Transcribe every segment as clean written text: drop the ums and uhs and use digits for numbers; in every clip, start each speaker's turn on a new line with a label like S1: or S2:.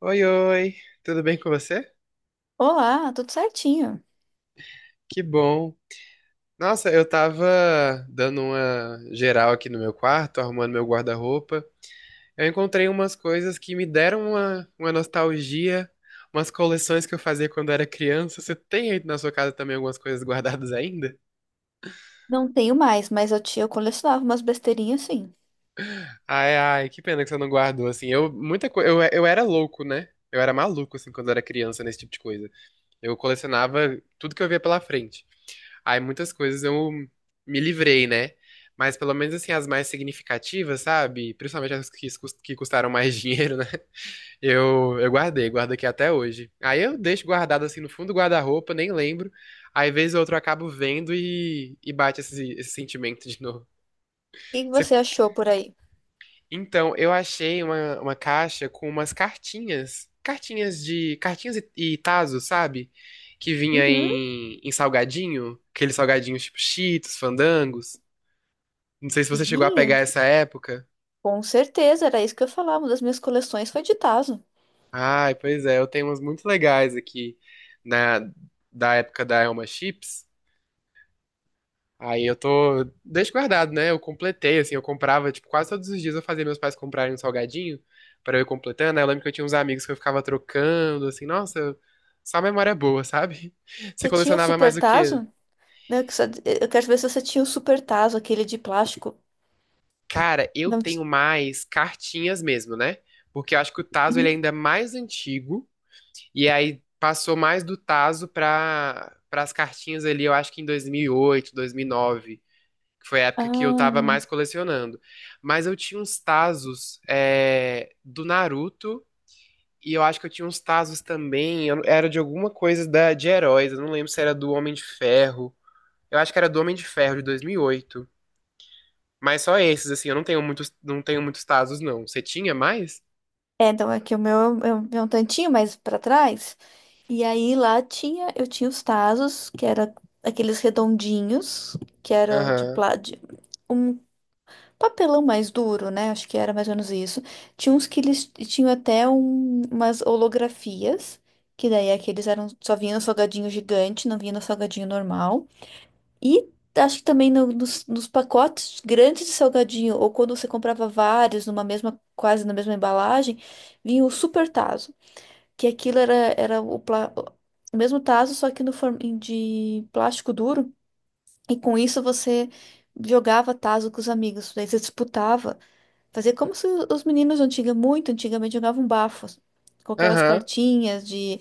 S1: Oi, oi, tudo bem com você?
S2: Olá, tudo certinho.
S1: Que bom. Nossa, eu tava dando uma geral aqui no meu quarto, arrumando meu guarda-roupa. Eu encontrei umas coisas que me deram uma nostalgia, umas coleções que eu fazia quando era criança. Você tem aí na sua casa também algumas coisas guardadas ainda?
S2: Não tenho mais, mas eu tinha, eu colecionava umas besteirinhas assim. O
S1: Ai, ai, que pena que você não guardou, assim. Eu, muita coisa, eu era louco, né? Eu era maluco, assim, quando eu era criança, nesse tipo de coisa. Eu colecionava tudo que eu via pela frente. Aí muitas coisas eu me livrei, né? Mas pelo menos assim, as mais significativas, sabe? Principalmente as que, que custaram mais dinheiro, né? Eu guardei, guardo aqui até hoje. Aí eu deixo guardado assim no fundo do guarda-roupa, nem lembro. Aí vez ou outra eu acabo vendo e bate esse sentimento de novo.
S2: que que
S1: Você-
S2: você achou por aí?
S1: Então, eu achei uma caixa com umas cartinhas. Cartinhas de. Cartinhas e tazos, sabe? Que vinha
S2: Uhum,
S1: em salgadinho. Aqueles salgadinhos tipo Cheetos, Fandangos. Não sei se você chegou a pegar
S2: sim,
S1: essa época.
S2: com certeza, era isso que eu falava. Uma das minhas coleções foi de Tazo.
S1: Ai, pois é, eu tenho umas muito legais aqui na da época da Elma Chips. Aí eu tô deixo guardado, né? Eu completei assim, eu comprava, tipo, quase todos os dias eu fazia meus pais comprarem um salgadinho pra eu ir completando. Aí eu lembro que eu tinha uns amigos que eu ficava trocando, assim, nossa, só memória boa, sabe? Você
S2: Você tinha o
S1: colecionava mais
S2: Super
S1: o quê?
S2: Tazo? Né, eu quero ver se você tinha o Super Tazo, aquele de plástico.
S1: Cara, eu
S2: Não, ti-
S1: tenho mais cartinhas mesmo, né? Porque eu acho que o Tazo ele é ainda mais antigo. E aí passou mais do tazo para as cartinhas ali, eu acho que em 2008, 2009, que foi a época que eu tava
S2: ah,
S1: mais colecionando. Mas eu tinha uns tazos do Naruto e eu acho que eu tinha uns tazos também, era de alguma coisa da de heróis, eu não lembro se era do Homem de Ferro. Eu acho que era do Homem de Ferro de 2008. Mas só esses assim, eu não tenho muitos, não tenho muitos tazos não. Você tinha mais?
S2: é, então aqui o meu é um tantinho mais pra trás. E aí lá tinha, eu tinha os Tazos, que era aqueles redondinhos, que era de
S1: Aham.
S2: plástico papelão mais duro, né? Acho que era mais ou menos isso. Tinha uns que eles tinham até umas holografias, que daí aqueles eram só vinha no salgadinho gigante, não vinha no salgadinho normal. E acho que também nos pacotes grandes de salgadinho, ou quando você comprava vários numa mesma, quase na mesma embalagem, vinha o super tazo, que aquilo era o mesmo tazo, só que no de plástico duro. E com isso você jogava tazo com os amigos, daí você disputava. Fazia como se os meninos antiga, muito antigamente jogavam bafos. Com aquelas
S1: Aham.
S2: cartinhas de.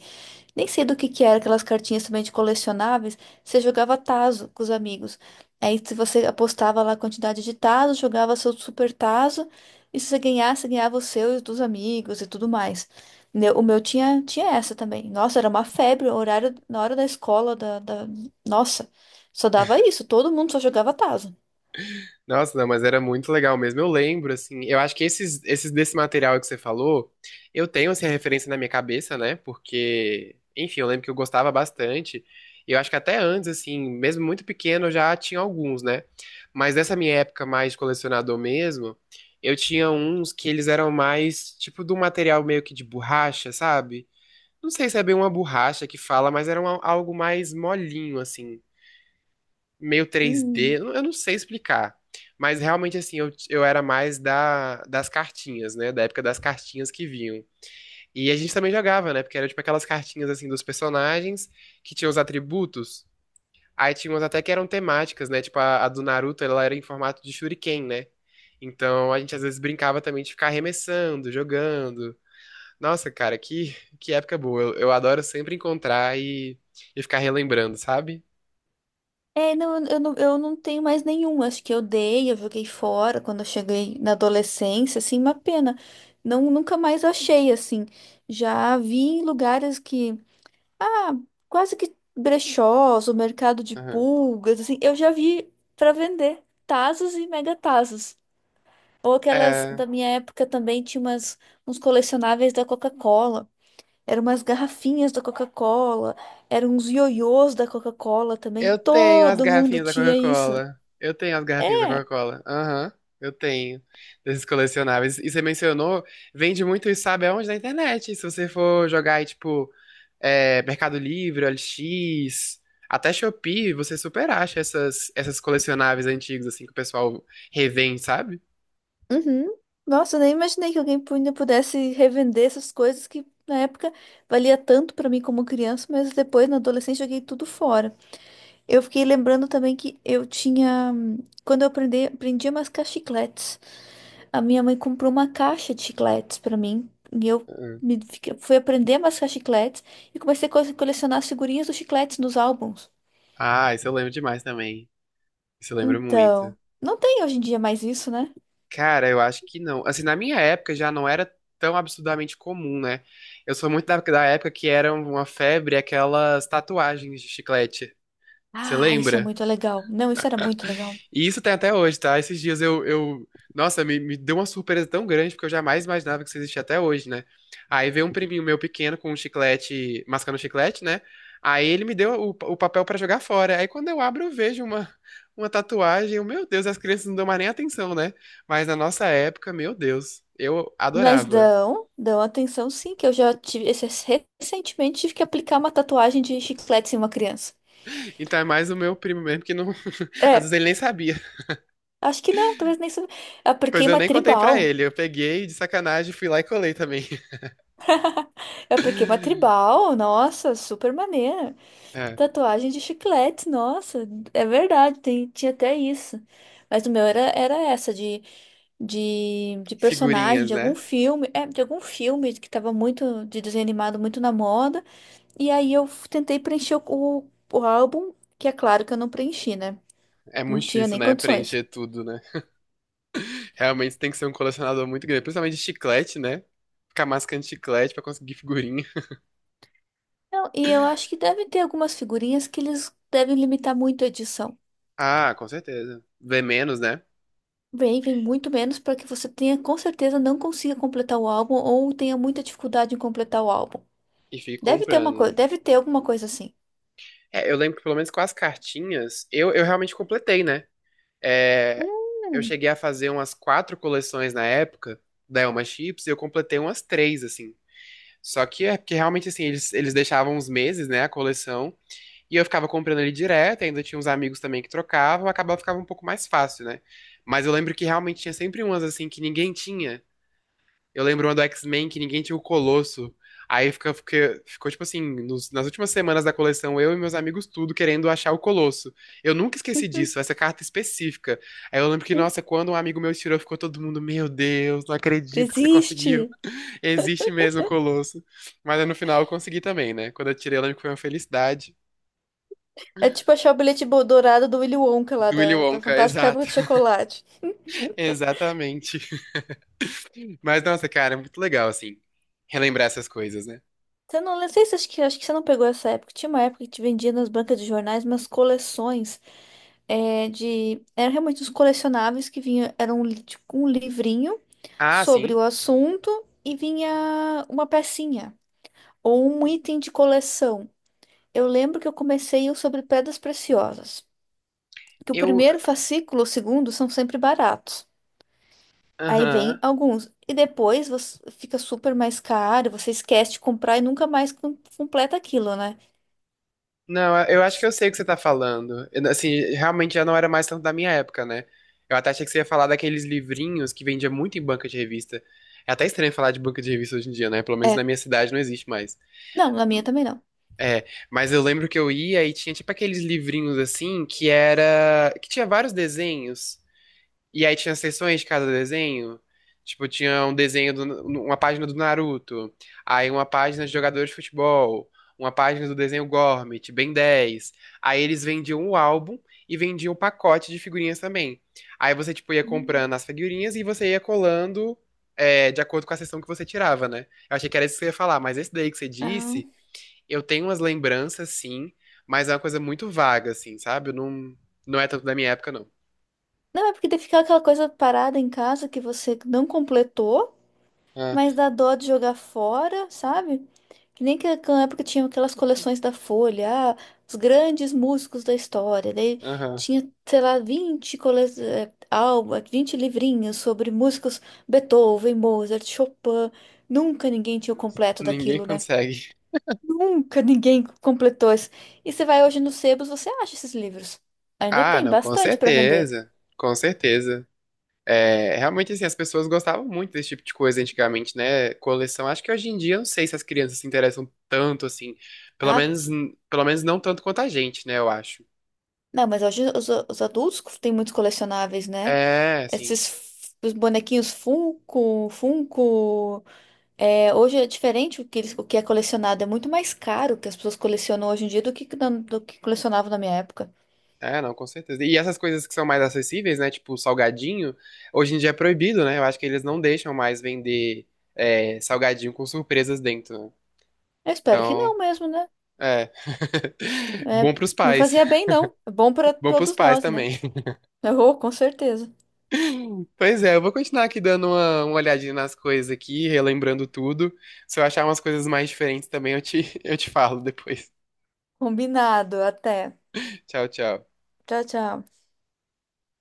S2: Nem sei do que era, aquelas cartinhas também de colecionáveis. Você jogava tazo com os amigos. Aí se você apostava lá a quantidade de tazo, jogava seu super tazo. E se você ganhasse, ganhava o seu e os dos amigos e tudo mais. O meu tinha, tinha essa também. Nossa, era uma febre. O horário, na hora da escola, da, da. Nossa, só dava isso. Todo mundo só jogava tazo.
S1: Nossa, não, mas era muito legal mesmo. Eu lembro, assim, eu acho que esses desse material que você falou, eu tenho, assim, a referência na minha cabeça, né? Porque, enfim, eu lembro que eu gostava bastante. E eu acho que até antes, assim, mesmo muito pequeno, eu já tinha alguns, né? Mas dessa minha época mais de colecionador mesmo, eu tinha uns que eles eram mais, tipo, de um material meio que de borracha, sabe? Não sei se é bem uma borracha que fala, mas era algo mais molinho, assim meio
S2: Hum.
S1: 3D, eu não sei explicar. Mas realmente, assim, eu era mais das cartinhas, né? Da época das cartinhas que vinham. E a gente também jogava, né? Porque era tipo aquelas cartinhas, assim, dos personagens que tinham os atributos. Aí tinha umas até que eram temáticas, né? Tipo, a do Naruto, ela era em formato de shuriken, né? Então a gente às vezes brincava também de ficar arremessando, jogando. Nossa, cara, que época boa. Eu adoro sempre encontrar e ficar relembrando, sabe?
S2: É, não, eu não, eu não tenho mais nenhum. Acho que eu dei, eu joguei fora quando eu cheguei na adolescência, assim, uma pena. Não, nunca mais achei, assim. Já vi em lugares que, ah, quase que brechós, o mercado de
S1: Aham.
S2: pulgas, assim, eu já vi para vender tazos e mega tazos. Ou aquelas
S1: É,
S2: da minha época também tinha umas, uns colecionáveis da Coca-Cola. Eram umas garrafinhas da Coca-Cola, eram uns ioiôs da Coca-Cola também.
S1: eu tenho as
S2: Todo mundo
S1: garrafinhas da
S2: tinha isso.
S1: Coca-Cola. Eu tenho as garrafinhas da
S2: É.
S1: Coca-Cola. Aham, eu tenho. Desses colecionáveis. E você mencionou, vende muito isso, sabe aonde? Na internet. Se você for jogar aí, tipo, Mercado Livre, OLX, até Shopee, você super acha essas colecionáveis antigos, assim, que o pessoal revende, sabe?
S2: Uhum. Nossa, eu nem imaginei que alguém ainda pudesse revender essas coisas que na época valia tanto pra mim como criança, mas depois na adolescência joguei tudo fora. Eu fiquei lembrando também que eu tinha, quando eu aprendi, aprendi a mascar chicletes, a minha mãe comprou uma caixa de chicletes pra mim e eu
S1: Uhum.
S2: me, fiquei- fui aprender a mascar chicletes e comecei a colecionar as figurinhas dos chicletes nos álbuns.
S1: Ah, isso eu lembro demais também. Isso eu lembro muito.
S2: Então, não tem hoje em dia mais isso, né?
S1: Cara, eu acho que não. Assim, na minha época já não era tão absurdamente comum, né? Eu sou muito da época que era uma febre aquelas tatuagens de chiclete. Você
S2: Ah, isso é
S1: lembra?
S2: muito legal. Não, isso era muito legal.
S1: E isso tem até hoje, tá? Esses dias. Nossa, me deu uma surpresa tão grande, porque eu jamais imaginava que isso existia até hoje, né? Aí veio um priminho meu pequeno com um chiclete, mascando um chiclete, né? Aí ele me deu o papel pra jogar fora. Aí quando eu abro, eu vejo uma tatuagem. Eu, meu Deus, as crianças não dão mais nem atenção, né? Mas na nossa época, meu Deus, eu
S2: Mas
S1: adorava.
S2: dão, dão atenção sim, que eu já recentemente tive que aplicar uma tatuagem de chiclete em uma criança.
S1: Então é mais o meu primo mesmo que não. Às vezes
S2: É,
S1: ele nem sabia.
S2: acho que não, talvez nem sou.
S1: Pois
S2: Apliquei
S1: eu
S2: uma
S1: nem contei pra
S2: tribal.
S1: ele. Eu peguei de sacanagem, fui lá e colei também.
S2: Eu apliquei uma tribal, nossa, super maneira.
S1: É,
S2: Tatuagem de chiclete, nossa, é verdade, tem, tinha até isso. Mas o meu era, era essa, de personagem,
S1: figurinhas,
S2: de algum
S1: né?
S2: filme, é, de algum filme que tava muito, de desenho animado, muito na moda. E aí tentei preencher o álbum, que é claro que eu não preenchi, né?
S1: É
S2: Não
S1: muito
S2: tinha
S1: difícil,
S2: nem
S1: né?
S2: condições.
S1: Preencher tudo, né? Realmente tem que ser um colecionador muito grande. Principalmente de chiclete, né? Ficar mascando chiclete pra conseguir figurinha.
S2: Não e eu acho que devem ter algumas figurinhas que eles devem limitar muito a edição.
S1: Ah, com certeza. Vê menos, né?
S2: Vem muito menos para que você tenha, com certeza, não consiga completar o álbum ou tenha muita dificuldade em completar o álbum.
S1: E fica
S2: Deve ter uma
S1: comprando,
S2: coisa,
S1: né?
S2: deve ter alguma coisa assim.
S1: É, eu lembro que pelo menos com as cartinhas, eu realmente completei, né? É, eu
S2: Hum,
S1: cheguei a fazer umas quatro coleções na época da Elma Chips e eu completei umas três, assim. Só que é porque realmente, assim, eles deixavam uns meses, né? A coleção. E eu ficava comprando ele direto, ainda tinha uns amigos também que trocavam, acabava ficava um pouco mais fácil, né? Mas eu lembro que realmente tinha sempre umas assim que ninguém tinha. Eu lembro uma do X-Men que ninguém tinha o Colosso. Aí ficou, tipo assim, nas últimas semanas da coleção, eu e meus amigos tudo querendo achar o Colosso. Eu nunca esqueci disso, essa carta específica. Aí eu lembro que, nossa, quando um amigo meu tirou, ficou todo mundo, meu Deus, não acredito que você
S2: existe!
S1: conseguiu. Existe mesmo o Colosso. Mas aí no final eu consegui também, né? Quando eu tirei, eu lembro que foi uma felicidade.
S2: É tipo achar o dourado do Willy Wonka lá
S1: Do Willy
S2: da, da
S1: Wonka,
S2: Fantástica Fábrica
S1: exato.
S2: de Chocolate.
S1: Exatamente. Mas, nossa, cara, é muito legal, assim, relembrar essas coisas, né?
S2: Você não, não sei se acho que, acho que você não pegou essa época. Tinha uma época que te vendia nas bancas de jornais umas coleções é, de. Eram realmente uns colecionáveis que vinha. Era tipo, um livrinho
S1: Ah,
S2: sobre
S1: sim.
S2: o assunto e vinha uma pecinha ou um item de coleção. Eu lembro que eu comecei o sobre pedras preciosas. Que o
S1: Eu.
S2: primeiro fascículo, o segundo, são sempre baratos. Aí vem
S1: Aham.
S2: alguns. E depois você fica super mais caro, você esquece de comprar e nunca mais completa aquilo, né?
S1: Não, eu acho que eu sei o que você tá falando. Eu, assim, realmente já não era mais tanto da minha época, né? Eu até achei que você ia falar daqueles livrinhos que vendia muito em banca de revista. É até estranho falar de banca de revista hoje em dia, né? Pelo menos na
S2: É.
S1: minha cidade não existe mais.
S2: Não, na minha também não.
S1: É, mas eu lembro que eu ia e tinha tipo aqueles livrinhos assim que era. Que tinha vários desenhos. E aí tinha seções de cada desenho. Tipo, tinha um desenho, uma página do Naruto, aí uma página de jogadores de futebol, uma página do desenho Gormit, Ben 10. Aí eles vendiam o álbum e vendiam o pacote de figurinhas também. Aí você, tipo, ia
S2: Hum,
S1: comprando as figurinhas e você ia colando de acordo com a sessão que você tirava, né? Eu achei que era isso que você ia falar, mas esse daí que você disse,
S2: não.
S1: eu tenho umas lembranças, sim, mas é uma coisa muito vaga, assim, sabe? Eu não, não é tanto da minha época, não.
S2: Não, é porque daí fica aquela coisa parada em casa que você não completou.
S1: Ah,
S2: Mas dá dó de jogar fora, sabe? Que nem que na época tinha aquelas coleções da Folha, ah, os grandes músicos da história. Daí
S1: aham.
S2: tinha, sei lá, 20 cole... eh, alba, 20 livrinhos sobre músicos Beethoven, Mozart, Chopin. Nunca ninguém tinha o completo
S1: Ninguém
S2: daquilo, né?
S1: consegue.
S2: Nunca ninguém completou isso. E você vai hoje nos sebos, você acha esses livros. Ainda
S1: Ah,
S2: tem
S1: não, com
S2: bastante para vender.
S1: certeza. Com certeza. É, realmente, assim, as pessoas gostavam muito desse tipo de coisa antigamente, né? Coleção. Acho que hoje em dia, eu não sei se as crianças se interessam tanto, assim. Pelo
S2: Ah,
S1: menos, pelo menos não tanto quanto a gente, né? Eu acho.
S2: não, mas hoje os adultos têm muitos colecionáveis, né?
S1: É, assim.
S2: Esses os bonequinhos Funko, Funko. É, hoje é diferente o que, o que é colecionado. É muito mais caro o que as pessoas colecionam hoje em dia do que, do que colecionavam na minha época.
S1: É, não, com certeza. E essas coisas que são mais acessíveis, né? Tipo, salgadinho, hoje em dia é proibido, né? Eu acho que eles não deixam mais vender, salgadinho com surpresas dentro, né?
S2: Eu espero que não
S1: Então,
S2: mesmo, né?
S1: é.
S2: É,
S1: Bom pros
S2: não
S1: pais.
S2: fazia bem, não. É bom para
S1: Bom pros
S2: todos
S1: pais
S2: nós, né?
S1: também.
S2: Oh, com certeza.
S1: Pois é, eu vou continuar aqui dando uma olhadinha nas coisas aqui, relembrando tudo. Se eu achar umas coisas mais diferentes também, eu te falo depois.
S2: Combinado. Até.
S1: Tchau, tchau.
S2: Tchau, tchau.